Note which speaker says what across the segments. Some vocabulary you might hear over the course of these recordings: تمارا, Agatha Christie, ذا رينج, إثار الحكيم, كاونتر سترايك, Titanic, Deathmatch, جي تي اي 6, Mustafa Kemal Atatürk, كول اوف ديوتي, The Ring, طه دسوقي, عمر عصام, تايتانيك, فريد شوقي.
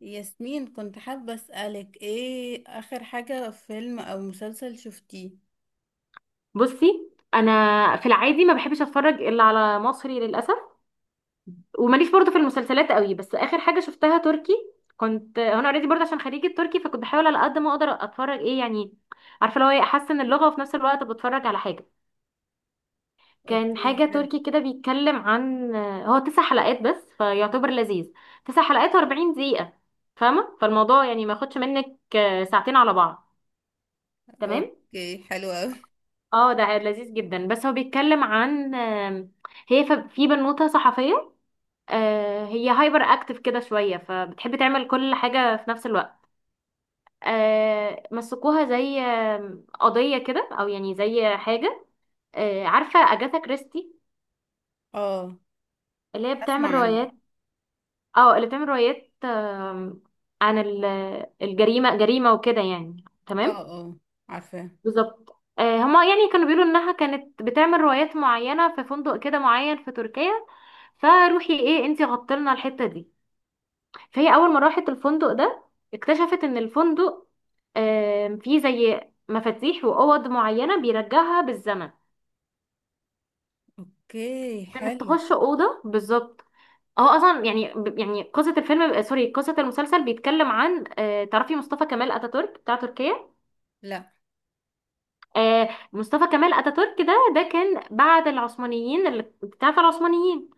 Speaker 1: ياسمين، كنت حابة أسألك ايه آخر حاجة، فيلم أو مسلسل شفتيه؟
Speaker 2: بصي، انا في العادي ما بحبش اتفرج الا على مصري للاسف. وماليش برضو في المسلسلات قوي، بس اخر حاجه شفتها تركي. كنت انا اوريدي برضه عشان خريجه تركي، فكنت بحاول على قد ما اقدر اتفرج ايه يعني. عارفه لو ايه احسن اللغه وفي نفس الوقت بتفرج على حاجه. كان
Speaker 1: اوكي،
Speaker 2: حاجه
Speaker 1: حلو.
Speaker 2: تركي كده بيتكلم عن. هو 9 حلقات بس فيعتبر لذيذ. 9 حلقات و40 دقيقه. فاهمه، فالموضوع يعني ما ياخدش منك ساعتين على بعض. تمام.
Speaker 1: اوكي، حلو اوي.
Speaker 2: اه ده لذيذ جدا، بس هو بيتكلم عن. هي في بنوتة صحفية. هي هايبر اكتف كده شوية، فبتحب تعمل كل حاجة في نفس الوقت. مسكوها زي قضية كده، او يعني زي حاجة. عارفة اجاثا كريستي؟
Speaker 1: اه.
Speaker 2: اللي هي
Speaker 1: اسمع
Speaker 2: بتعمل
Speaker 1: عنه.
Speaker 2: روايات. اه، اللي بتعمل روايات عن الجريمة، جريمة وكده يعني.
Speaker 1: اه،
Speaker 2: تمام.
Speaker 1: اه. عارفاه.
Speaker 2: بالظبط. هما يعني كانوا بيقولوا انها كانت بتعمل روايات معينه في فندق كده معين في تركيا. فروحي ايه انتي غطلنا الحته دي. فهي اول ما راحت الفندق ده اكتشفت ان الفندق فيه زي مفاتيح واوض معينه بيرجعها بالزمن.
Speaker 1: اوكي،
Speaker 2: كانت
Speaker 1: حلو.
Speaker 2: تخش اوضه بالظبط. هو اصلا يعني يعني قصه الفيلم سوري، قصه المسلسل بيتكلم عن. تعرفي مصطفى كمال اتاتورك بتاع تركيا؟
Speaker 1: لا.
Speaker 2: مصطفى كمال اتاتورك ده كان بعد العثمانيين، اللي انت عارفه العثمانيين.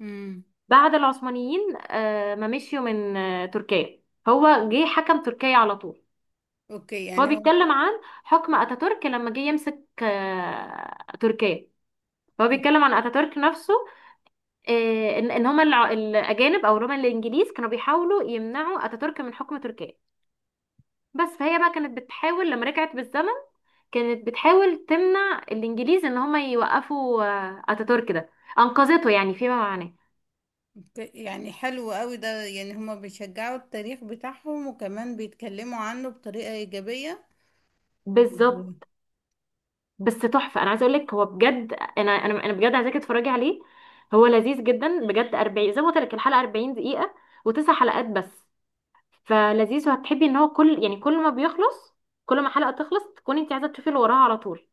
Speaker 1: امم.
Speaker 2: بعد العثمانيين ما مشيوا من تركيا. هو جه حكم تركيا على طول.
Speaker 1: اوكي
Speaker 2: فهو
Speaker 1: يعني هو...
Speaker 2: بيتكلم عن حكم اتاتورك لما جه يمسك تركيا. فهو
Speaker 1: اوكي،
Speaker 2: بيتكلم عن اتاتورك نفسه. ان هما الاجانب او اللي هما الانجليز كانوا بيحاولوا يمنعوا اتاتورك من حكم تركيا بس. فهي بقى كانت بتحاول لما رجعت بالزمن، كانت بتحاول تمنع الانجليز ان هما يوقفوا اتاتورك ده. انقذته يعني فيما معناه.
Speaker 1: يعني حلو قوي ده، يعني هما بيشجعوا التاريخ بتاعهم وكمان بيتكلموا عنه بطريقة إيجابية.
Speaker 2: بالظبط. بس تحفه، انا عايزه اقول لك هو بجد، انا بجد عايزاكي تتفرجي عليه. هو لذيذ جدا بجد، 40 زي ما قلت لك الحلقه 40 دقيقه وتسع حلقات بس. فلذيذ، وهتحبي ان هو كل يعني كل ما بيخلص، كل ما حلقه تخلص تكوني انت عايزه تشوفي اللي وراها على طول.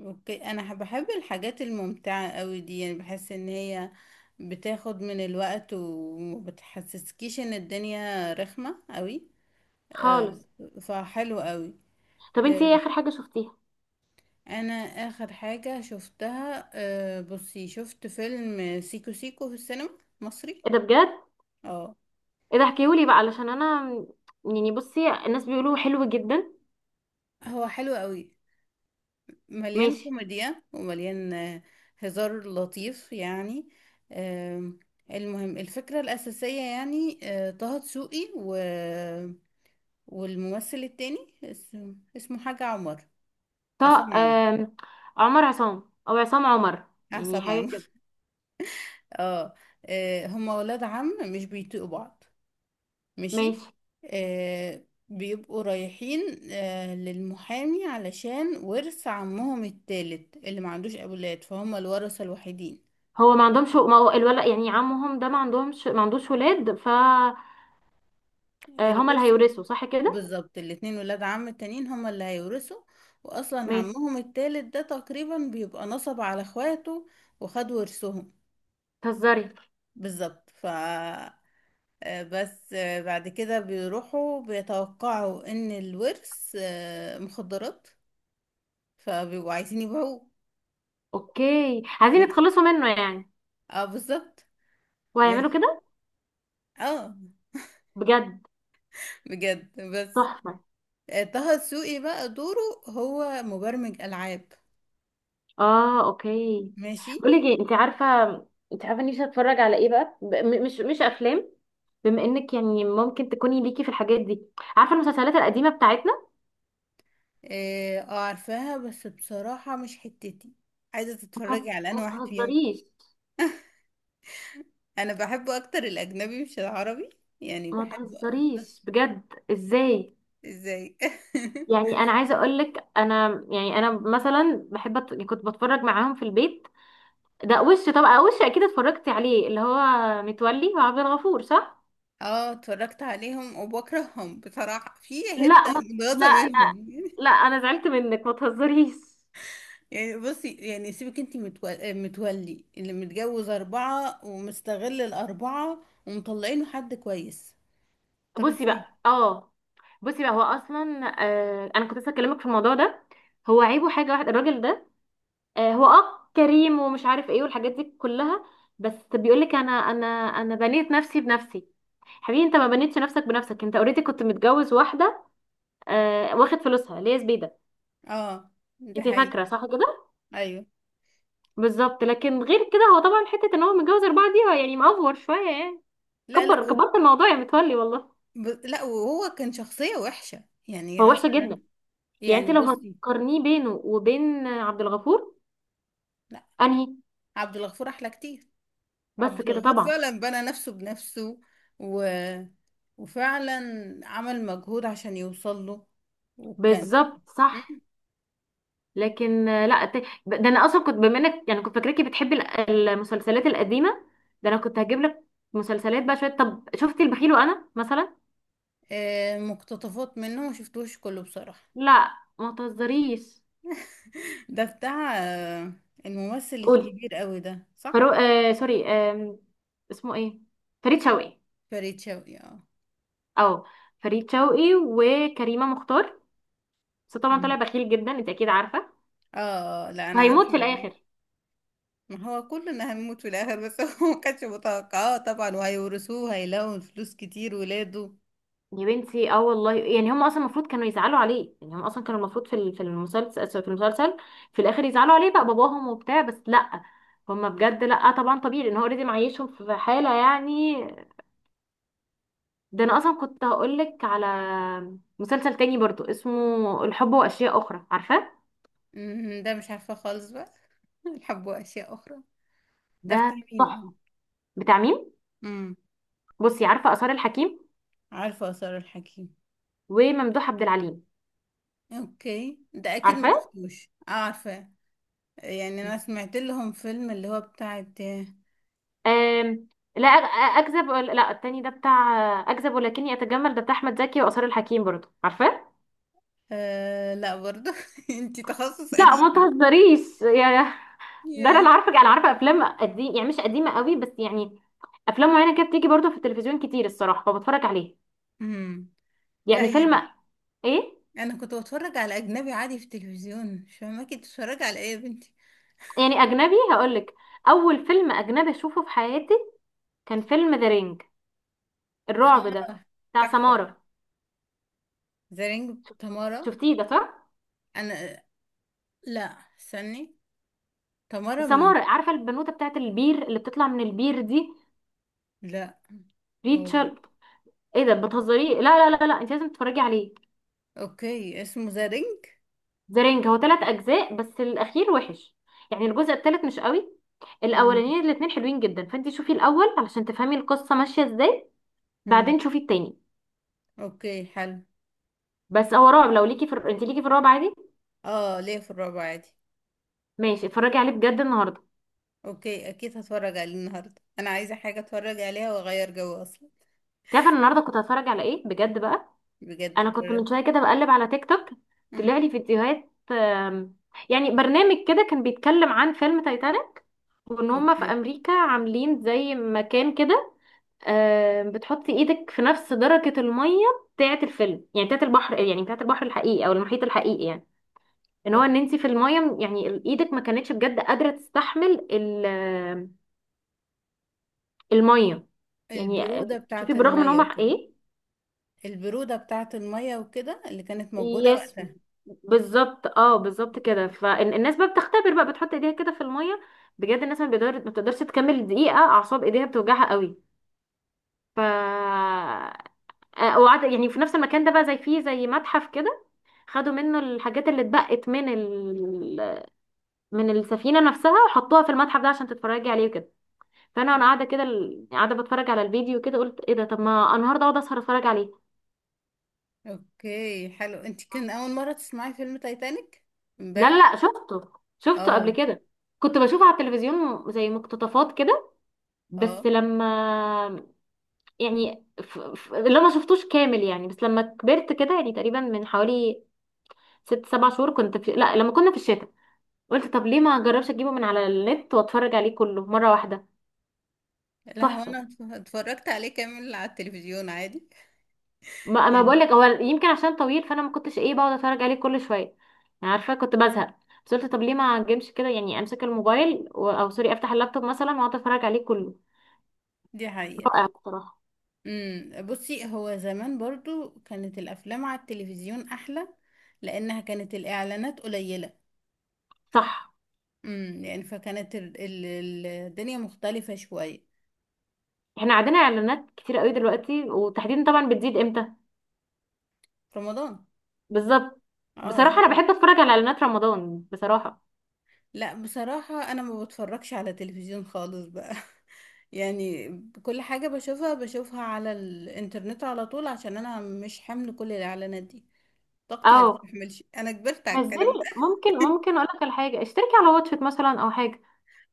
Speaker 1: اوكي، انا بحب الحاجات الممتعة قوي دي، يعني بحس ان هي بتاخد من الوقت ومبتحسسكيش ان الدنيا رخمة قوي. آه.
Speaker 2: خالص.
Speaker 1: فحلو قوي.
Speaker 2: طب انت
Speaker 1: آه،
Speaker 2: ايه اخر حاجه شفتيها؟
Speaker 1: انا اخر حاجة شفتها، بصي شفت فيلم سيكو سيكو في السينما. مصري.
Speaker 2: ايه ده بجد؟
Speaker 1: اه.
Speaker 2: ايه ده احكيهولي بقى علشان انا، يعني بصي الناس بيقولوا حلو جدا.
Speaker 1: هو حلو قوي، مليان
Speaker 2: ماشي.
Speaker 1: كوميديا ومليان هزار لطيف يعني. آم، المهم الفكرة الأساسية، يعني طه دسوقي و... والممثل التاني، اسمه حاجة عمر.
Speaker 2: طه
Speaker 1: عصام عمر.
Speaker 2: عمر عصام او عصام عمر يعني
Speaker 1: عصام
Speaker 2: حاجه كده.
Speaker 1: عمر. اه. هما ولاد عم مش بيطيقوا بعض. ماشي.
Speaker 2: ماشي.
Speaker 1: بيبقوا رايحين للمحامي علشان ورث عمهم التالت اللي ما عندوش أولاد، فهم الورثة الوحيدين.
Speaker 2: هو ما عندهمش، ما هو الولد يعني عمهم ده ما عندهمش ما عندوش ولاد، ف هما اللي
Speaker 1: الورث.
Speaker 2: هيورثوا صح كده؟
Speaker 1: بالظبط، الاتنين ولاد عم التانيين هما اللي هيورثوا. واصلا
Speaker 2: ماشي.
Speaker 1: عمهم التالت ده تقريبا بيبقى نصب على اخواته وخد ورثهم.
Speaker 2: تهزري.
Speaker 1: بالظبط. ف آه، بس بعد كده بيروحوا بيتوقعوا ان الورث مخدرات، فبيبقوا عايزين يبيعوه.
Speaker 2: اوكي، عايزين
Speaker 1: ماشي.
Speaker 2: يتخلصوا منه يعني.
Speaker 1: اه، بالظبط.
Speaker 2: وهيعملوا
Speaker 1: ماشي.
Speaker 2: كده.
Speaker 1: اه
Speaker 2: بجد.
Speaker 1: بجد بس
Speaker 2: تحفه.
Speaker 1: طه دسوقي بقى دوره، هو مبرمج العاب.
Speaker 2: اه اوكي.
Speaker 1: ماشي.
Speaker 2: بقولك ايه، انت عارفه؟ انت عارفه نفسي اتفرج على ايه بقى؟ مش افلام. بما انك يعني ممكن تكوني ليكي في الحاجات دي. عارفه المسلسلات القديمه بتاعتنا؟
Speaker 1: اه. عارفاها، بس بصراحة مش حتتي عايزة
Speaker 2: ما تهز-
Speaker 1: تتفرجي على
Speaker 2: ما
Speaker 1: انا واحد فيهم.
Speaker 2: تهزريش.
Speaker 1: انا بحبه اكتر الاجنبي مش العربي، يعني
Speaker 2: ما
Speaker 1: بحبه اكتر.
Speaker 2: تهزريش بجد، ازاي؟
Speaker 1: ازاي؟
Speaker 2: يعني انا عايزه اقول لك، انا يعني انا مثلا بحب يعني كنت بتفرج معاهم في البيت. ده وش طبعا، وش اكيد اتفرجتي عليه اللي هو متولي وعبد الغفور، صح؟
Speaker 1: اه، اتفرجت عليهم وبكرههم بصراحة، في
Speaker 2: لا
Speaker 1: حتة
Speaker 2: ما...
Speaker 1: متغاظة
Speaker 2: لا، لا،
Speaker 1: منهم.
Speaker 2: لا انا زعلت منك. ما تهزريش.
Speaker 1: يعني بصي، يعني سيبك، انتي متولي اللي متجوز اربعة ومستغل الاربعة ومطلعينه حد كويس. طب
Speaker 2: بصي
Speaker 1: ازاي؟
Speaker 2: بقى اه. بصي بقى، هو اصلا انا كنت لسه اكلمك في الموضوع ده. هو عيبه حاجه واحده الراجل ده. هو كريم ومش عارف ايه والحاجات دي كلها. بس بيقولك انا بنيت نفسي بنفسي. حبيبي، انت ما بنيتش نفسك بنفسك، انت اوريدي كنت متجوز واحده. واخد فلوسها اللي هي زبيده.
Speaker 1: اه ده
Speaker 2: انت
Speaker 1: حقيقي.
Speaker 2: فاكره صح كده؟
Speaker 1: ايوه.
Speaker 2: بالظبط. لكن غير كده هو طبعا حته ان هو متجوز اربعه دي، هو يعني مأفور شويه يعني.
Speaker 1: لا، لا.
Speaker 2: كبرت الموضوع يا متولي والله.
Speaker 1: لا، وهو كان شخصية وحشة يعني
Speaker 2: هو وحش
Speaker 1: مثلا.
Speaker 2: جدا. يعني
Speaker 1: يعني
Speaker 2: انت لو
Speaker 1: بصي.
Speaker 2: هتقارنيه بينه وبين عبد الغفور،
Speaker 1: لا.
Speaker 2: انهي؟
Speaker 1: عبد الغفور أحلى كتير. عبد
Speaker 2: بس كده
Speaker 1: الغفور
Speaker 2: طبعا.
Speaker 1: فعلا بنى نفسه بنفسه، و... وفعلا عمل مجهود عشان يوصل له. وكان...
Speaker 2: بالظبط صح.
Speaker 1: مم.
Speaker 2: لكن لا ده انا اصلا كنت، بما انك يعني كنت فاكراكي بتحبي المسلسلات القديمه. ده انا كنت هجيب لك مسلسلات بقى شويه. طب شفتي البخيل وانا مثلا؟
Speaker 1: مقتطفات منه، ما شفتوش كله بصراحة.
Speaker 2: لا ما تهزريش.
Speaker 1: ده بتاع الممثل
Speaker 2: قولي.
Speaker 1: الكبير قوي ده، صح؟
Speaker 2: فرو آه سوري، اسمه ايه؟ فريد شوقي.
Speaker 1: فريد شوقي، اه.
Speaker 2: اه. فريد شوقي وكريمه مختار. بس طبعا طلع
Speaker 1: مم.
Speaker 2: بخيل جدا، انت اكيد عارفه.
Speaker 1: اه، لا انا
Speaker 2: وهيموت
Speaker 1: عارفه.
Speaker 2: في الاخر.
Speaker 1: ما هو كلنا هنموت في الاخر، بس هو ما كانش متوقعاه طبعا، وهيورثوه هيلاقوا فلوس كتير ولاده.
Speaker 2: يا بنتي اه والله، يعني هم اصلا المفروض كانوا يزعلوا عليه، يعني هم اصلا كانوا المفروض في المسلسل في الاخر يزعلوا عليه بقى باباهم وبتاع، بس لا. هم بجد، لا، طبعا طبيعي لان هو اوريدي معيشهم في حاله يعني. ده انا اصلا كنت هقولك على مسلسل تاني برضو اسمه الحب واشياء اخرى، عارفاه؟
Speaker 1: ده مش عارفه خالص بقى. الحبوا اشياء اخرى؟ ده بتاع
Speaker 2: ده
Speaker 1: مين ده؟
Speaker 2: تحفه. بتاع مين؟
Speaker 1: امم.
Speaker 2: بصي، عارفه اثار الحكيم
Speaker 1: عارفه اثار الحكيم.
Speaker 2: وممدوح عبد العليم؟
Speaker 1: اوكي، ده اكيد ما
Speaker 2: عارفاه؟
Speaker 1: شفتوش. عارفه. يعني انا سمعت لهم فيلم اللي هو بتاع...
Speaker 2: آم، لا اكذب لا، التاني ده بتاع اكذب ولكني اتجمل، ده بتاع احمد زكي وآثار الحكيم برضه، عارفاه؟
Speaker 1: لا برضه. انتي تخصص
Speaker 2: لا ما
Speaker 1: قديم.
Speaker 2: تهزريش يا. ده انا
Speaker 1: يا...
Speaker 2: اللي عارفه، انا عارفه افلام قديم يعني مش قديمه قوي، بس يعني افلام معينه كده بتيجي برضه في التلفزيون كتير الصراحه، فبتفرج عليه.
Speaker 1: امم. لا
Speaker 2: يعني فيلم.
Speaker 1: يعني،
Speaker 2: ايه.
Speaker 1: انا كنت بتفرج على اجنبي عادي في التلفزيون، مش فاهمه كنت بتتفرجي على ايه يا بنتي؟
Speaker 2: يعني اجنبي هقولك. اول فيلم اجنبي اشوفه في حياتي كان فيلم ذا رينج، الرعب ده، بتاع
Speaker 1: تحفة.
Speaker 2: سمارة.
Speaker 1: ذا رينج، تمارا.
Speaker 2: شفتيه ده صح؟
Speaker 1: انا... لا. استني. تمارا مين؟
Speaker 2: سمارة، عارفه البنوته بتاعت البير اللي بتطلع من البير دي؟
Speaker 1: لا. هو...
Speaker 2: ريتشل. ايه ده، بتهزري؟ لا، لا، لا، لا، انت لازم تتفرجي عليه.
Speaker 1: اوكي، اسمه ذا رينج.
Speaker 2: ذا رينج هو 3 اجزاء بس الاخير وحش، يعني الجزء الثالث مش قوي.
Speaker 1: مم.
Speaker 2: الاولانيين الاثنين حلوين جدا، فانت شوفي الاول علشان تفهمي القصه ماشيه ازاي.
Speaker 1: مم.
Speaker 2: بعدين شوفي التاني.
Speaker 1: اوكي، حلو.
Speaker 2: بس هو رعب، لو ليكي انت ليكي في الرعب عادي.
Speaker 1: اه، ليه في الرابع عادي.
Speaker 2: ماشي، اتفرجي عليه بجد النهارده.
Speaker 1: اوكي، اكيد هتفرج عليه النهارده، انا عايزة حاجة اتفرج عليها واغير جو اصلا.
Speaker 2: انت عارفه أنا النهارده كنت هتفرج على ايه بجد بقى؟
Speaker 1: بجد
Speaker 2: انا كنت
Speaker 1: اتفرج.
Speaker 2: من شويه كده بقلب على تيك توك.
Speaker 1: مم.
Speaker 2: طلع لي فيديوهات يعني برنامج كده كان بيتكلم عن فيلم تايتانيك، وان هما في
Speaker 1: اوكي.
Speaker 2: امريكا عاملين زي مكان كده. بتحطي ايدك في نفس درجة المية بتاعة الفيلم، يعني بتاعة البحر، يعني بتاعة البحر الحقيقي او المحيط الحقيقي يعني.
Speaker 1: اوكي.
Speaker 2: ان انت في المية، يعني ايدك ما كانتش بجد قادرة تستحمل المية. يعني
Speaker 1: البرودة بتاعة
Speaker 2: شوفي بالرغم ان
Speaker 1: المية
Speaker 2: هما
Speaker 1: وكده.
Speaker 2: ايه.
Speaker 1: البرودة بتاعة المية وكده اللي كانت موجودة
Speaker 2: يس.
Speaker 1: وقتها.
Speaker 2: بالظبط، بالظبط كده، فالناس بقى بتختبر بقى بتحط ايديها كده في المية. بجد الناس ما بيقدر ما بتقدرش تكمل دقيقة، اعصاب ايديها بتوجعها قوي. ف آه، وقعد يعني في نفس المكان ده بقى، زي فيه زي متحف كده. خدوا منه الحاجات اللي اتبقت من السفينة نفسها وحطوها في المتحف ده عشان تتفرجي عليه وكده. فانا، وانا قاعدة كده قاعدة بتفرج على الفيديو كده، قلت ايه ده، طب ما النهارده اقعد اسهر اتفرج عليه.
Speaker 1: اوكي، حلو. انت كان اول مرة تسمعي فيلم تايتانيك
Speaker 2: لا، لا،
Speaker 1: امبارح؟
Speaker 2: لا، شفته. شفته قبل
Speaker 1: اه.
Speaker 2: كده. كنت بشوفه على التلفزيون زي مقتطفات كده، بس
Speaker 1: اه،
Speaker 2: لما يعني اللي ما شفتوش كامل يعني، بس لما كبرت كده يعني تقريبا من حوالي ست سبع شهور كنت لا، لما كنا في الشتاء قلت طب ليه ما اجربش اجيبه من على النت واتفرج عليه كله مرة واحدة.
Speaker 1: لا هو،
Speaker 2: تحفة.
Speaker 1: انا اتفرجت عليه كامل على التلفزيون عادي.
Speaker 2: ما انا بقول
Speaker 1: يعني.
Speaker 2: لك، هو يمكن عشان طويل فانا ما كنتش ايه، بقعد اتفرج عليه كل شويه يعني، عارفه كنت بزهق. بس قلت طب ليه ما اجيبش كده، يعني امسك الموبايل او سوري افتح اللابتوب مثلا واقعد اتفرج عليه كله.
Speaker 1: دي حقيقة.
Speaker 2: رائع بصراحه.
Speaker 1: امم. بصي، هو زمان برضو كانت الافلام على التلفزيون احلى، لانها كانت الاعلانات قليلة.
Speaker 2: صح.
Speaker 1: امم، يعني فكانت الدنيا مختلفة شوية.
Speaker 2: احنا عندنا اعلانات كتير قوي دلوقتي، وتحديدا طبعا بتزيد امتى؟
Speaker 1: في رمضان.
Speaker 2: بالظبط.
Speaker 1: اه
Speaker 2: بصراحه انا
Speaker 1: يعني.
Speaker 2: بحب اتفرج على اعلانات رمضان بصراحه.
Speaker 1: لا، بصراحة انا ما بتفرجش على تلفزيون خالص بقى. يعني كل حاجة بشوفها على الانترنت على طول، عشان انا مش حمل كل الاعلانات دي. طاقتي ما
Speaker 2: اه.
Speaker 1: تستحملش، انا كبرت على
Speaker 2: نزلي.
Speaker 1: الكلام ده.
Speaker 2: ممكن اقول لك على حاجه، اشتركي على واتشت مثلا او حاجه.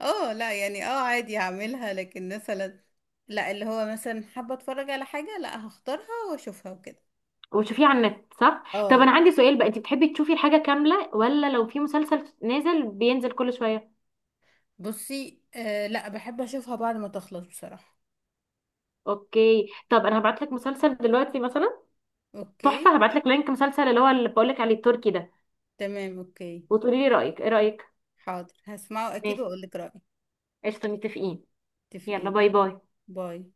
Speaker 1: اه، لا يعني اه عادي هعملها، لكن مثلا... لا، اللي هو مثلا حابة اتفرج على حاجة، لا هختارها واشوفها وكده.
Speaker 2: وتشوفيه على النت صح؟ طب
Speaker 1: اه.
Speaker 2: انا عندي سؤال بقى، انت بتحبي تشوفي الحاجه كامله ولا لو في مسلسل نازل بينزل كل شويه؟
Speaker 1: بصي، لا بحب اشوفها بعد ما تخلص بصراحة.
Speaker 2: اوكي، طب انا هبعت لك مسلسل دلوقتي مثلا.
Speaker 1: اوكي.
Speaker 2: تحفه، هبعت لك لينك مسلسل اللي بقول لك عليه التركي ده.
Speaker 1: تمام، اوكي.
Speaker 2: وتقولي لي رايك، ايه رايك؟
Speaker 1: حاضر، هسمعه اكيد
Speaker 2: ماشي.
Speaker 1: واقول لك رأيي.
Speaker 2: قشطه، متفقين؟ يلا
Speaker 1: اتفقين.
Speaker 2: باي باي.
Speaker 1: باي.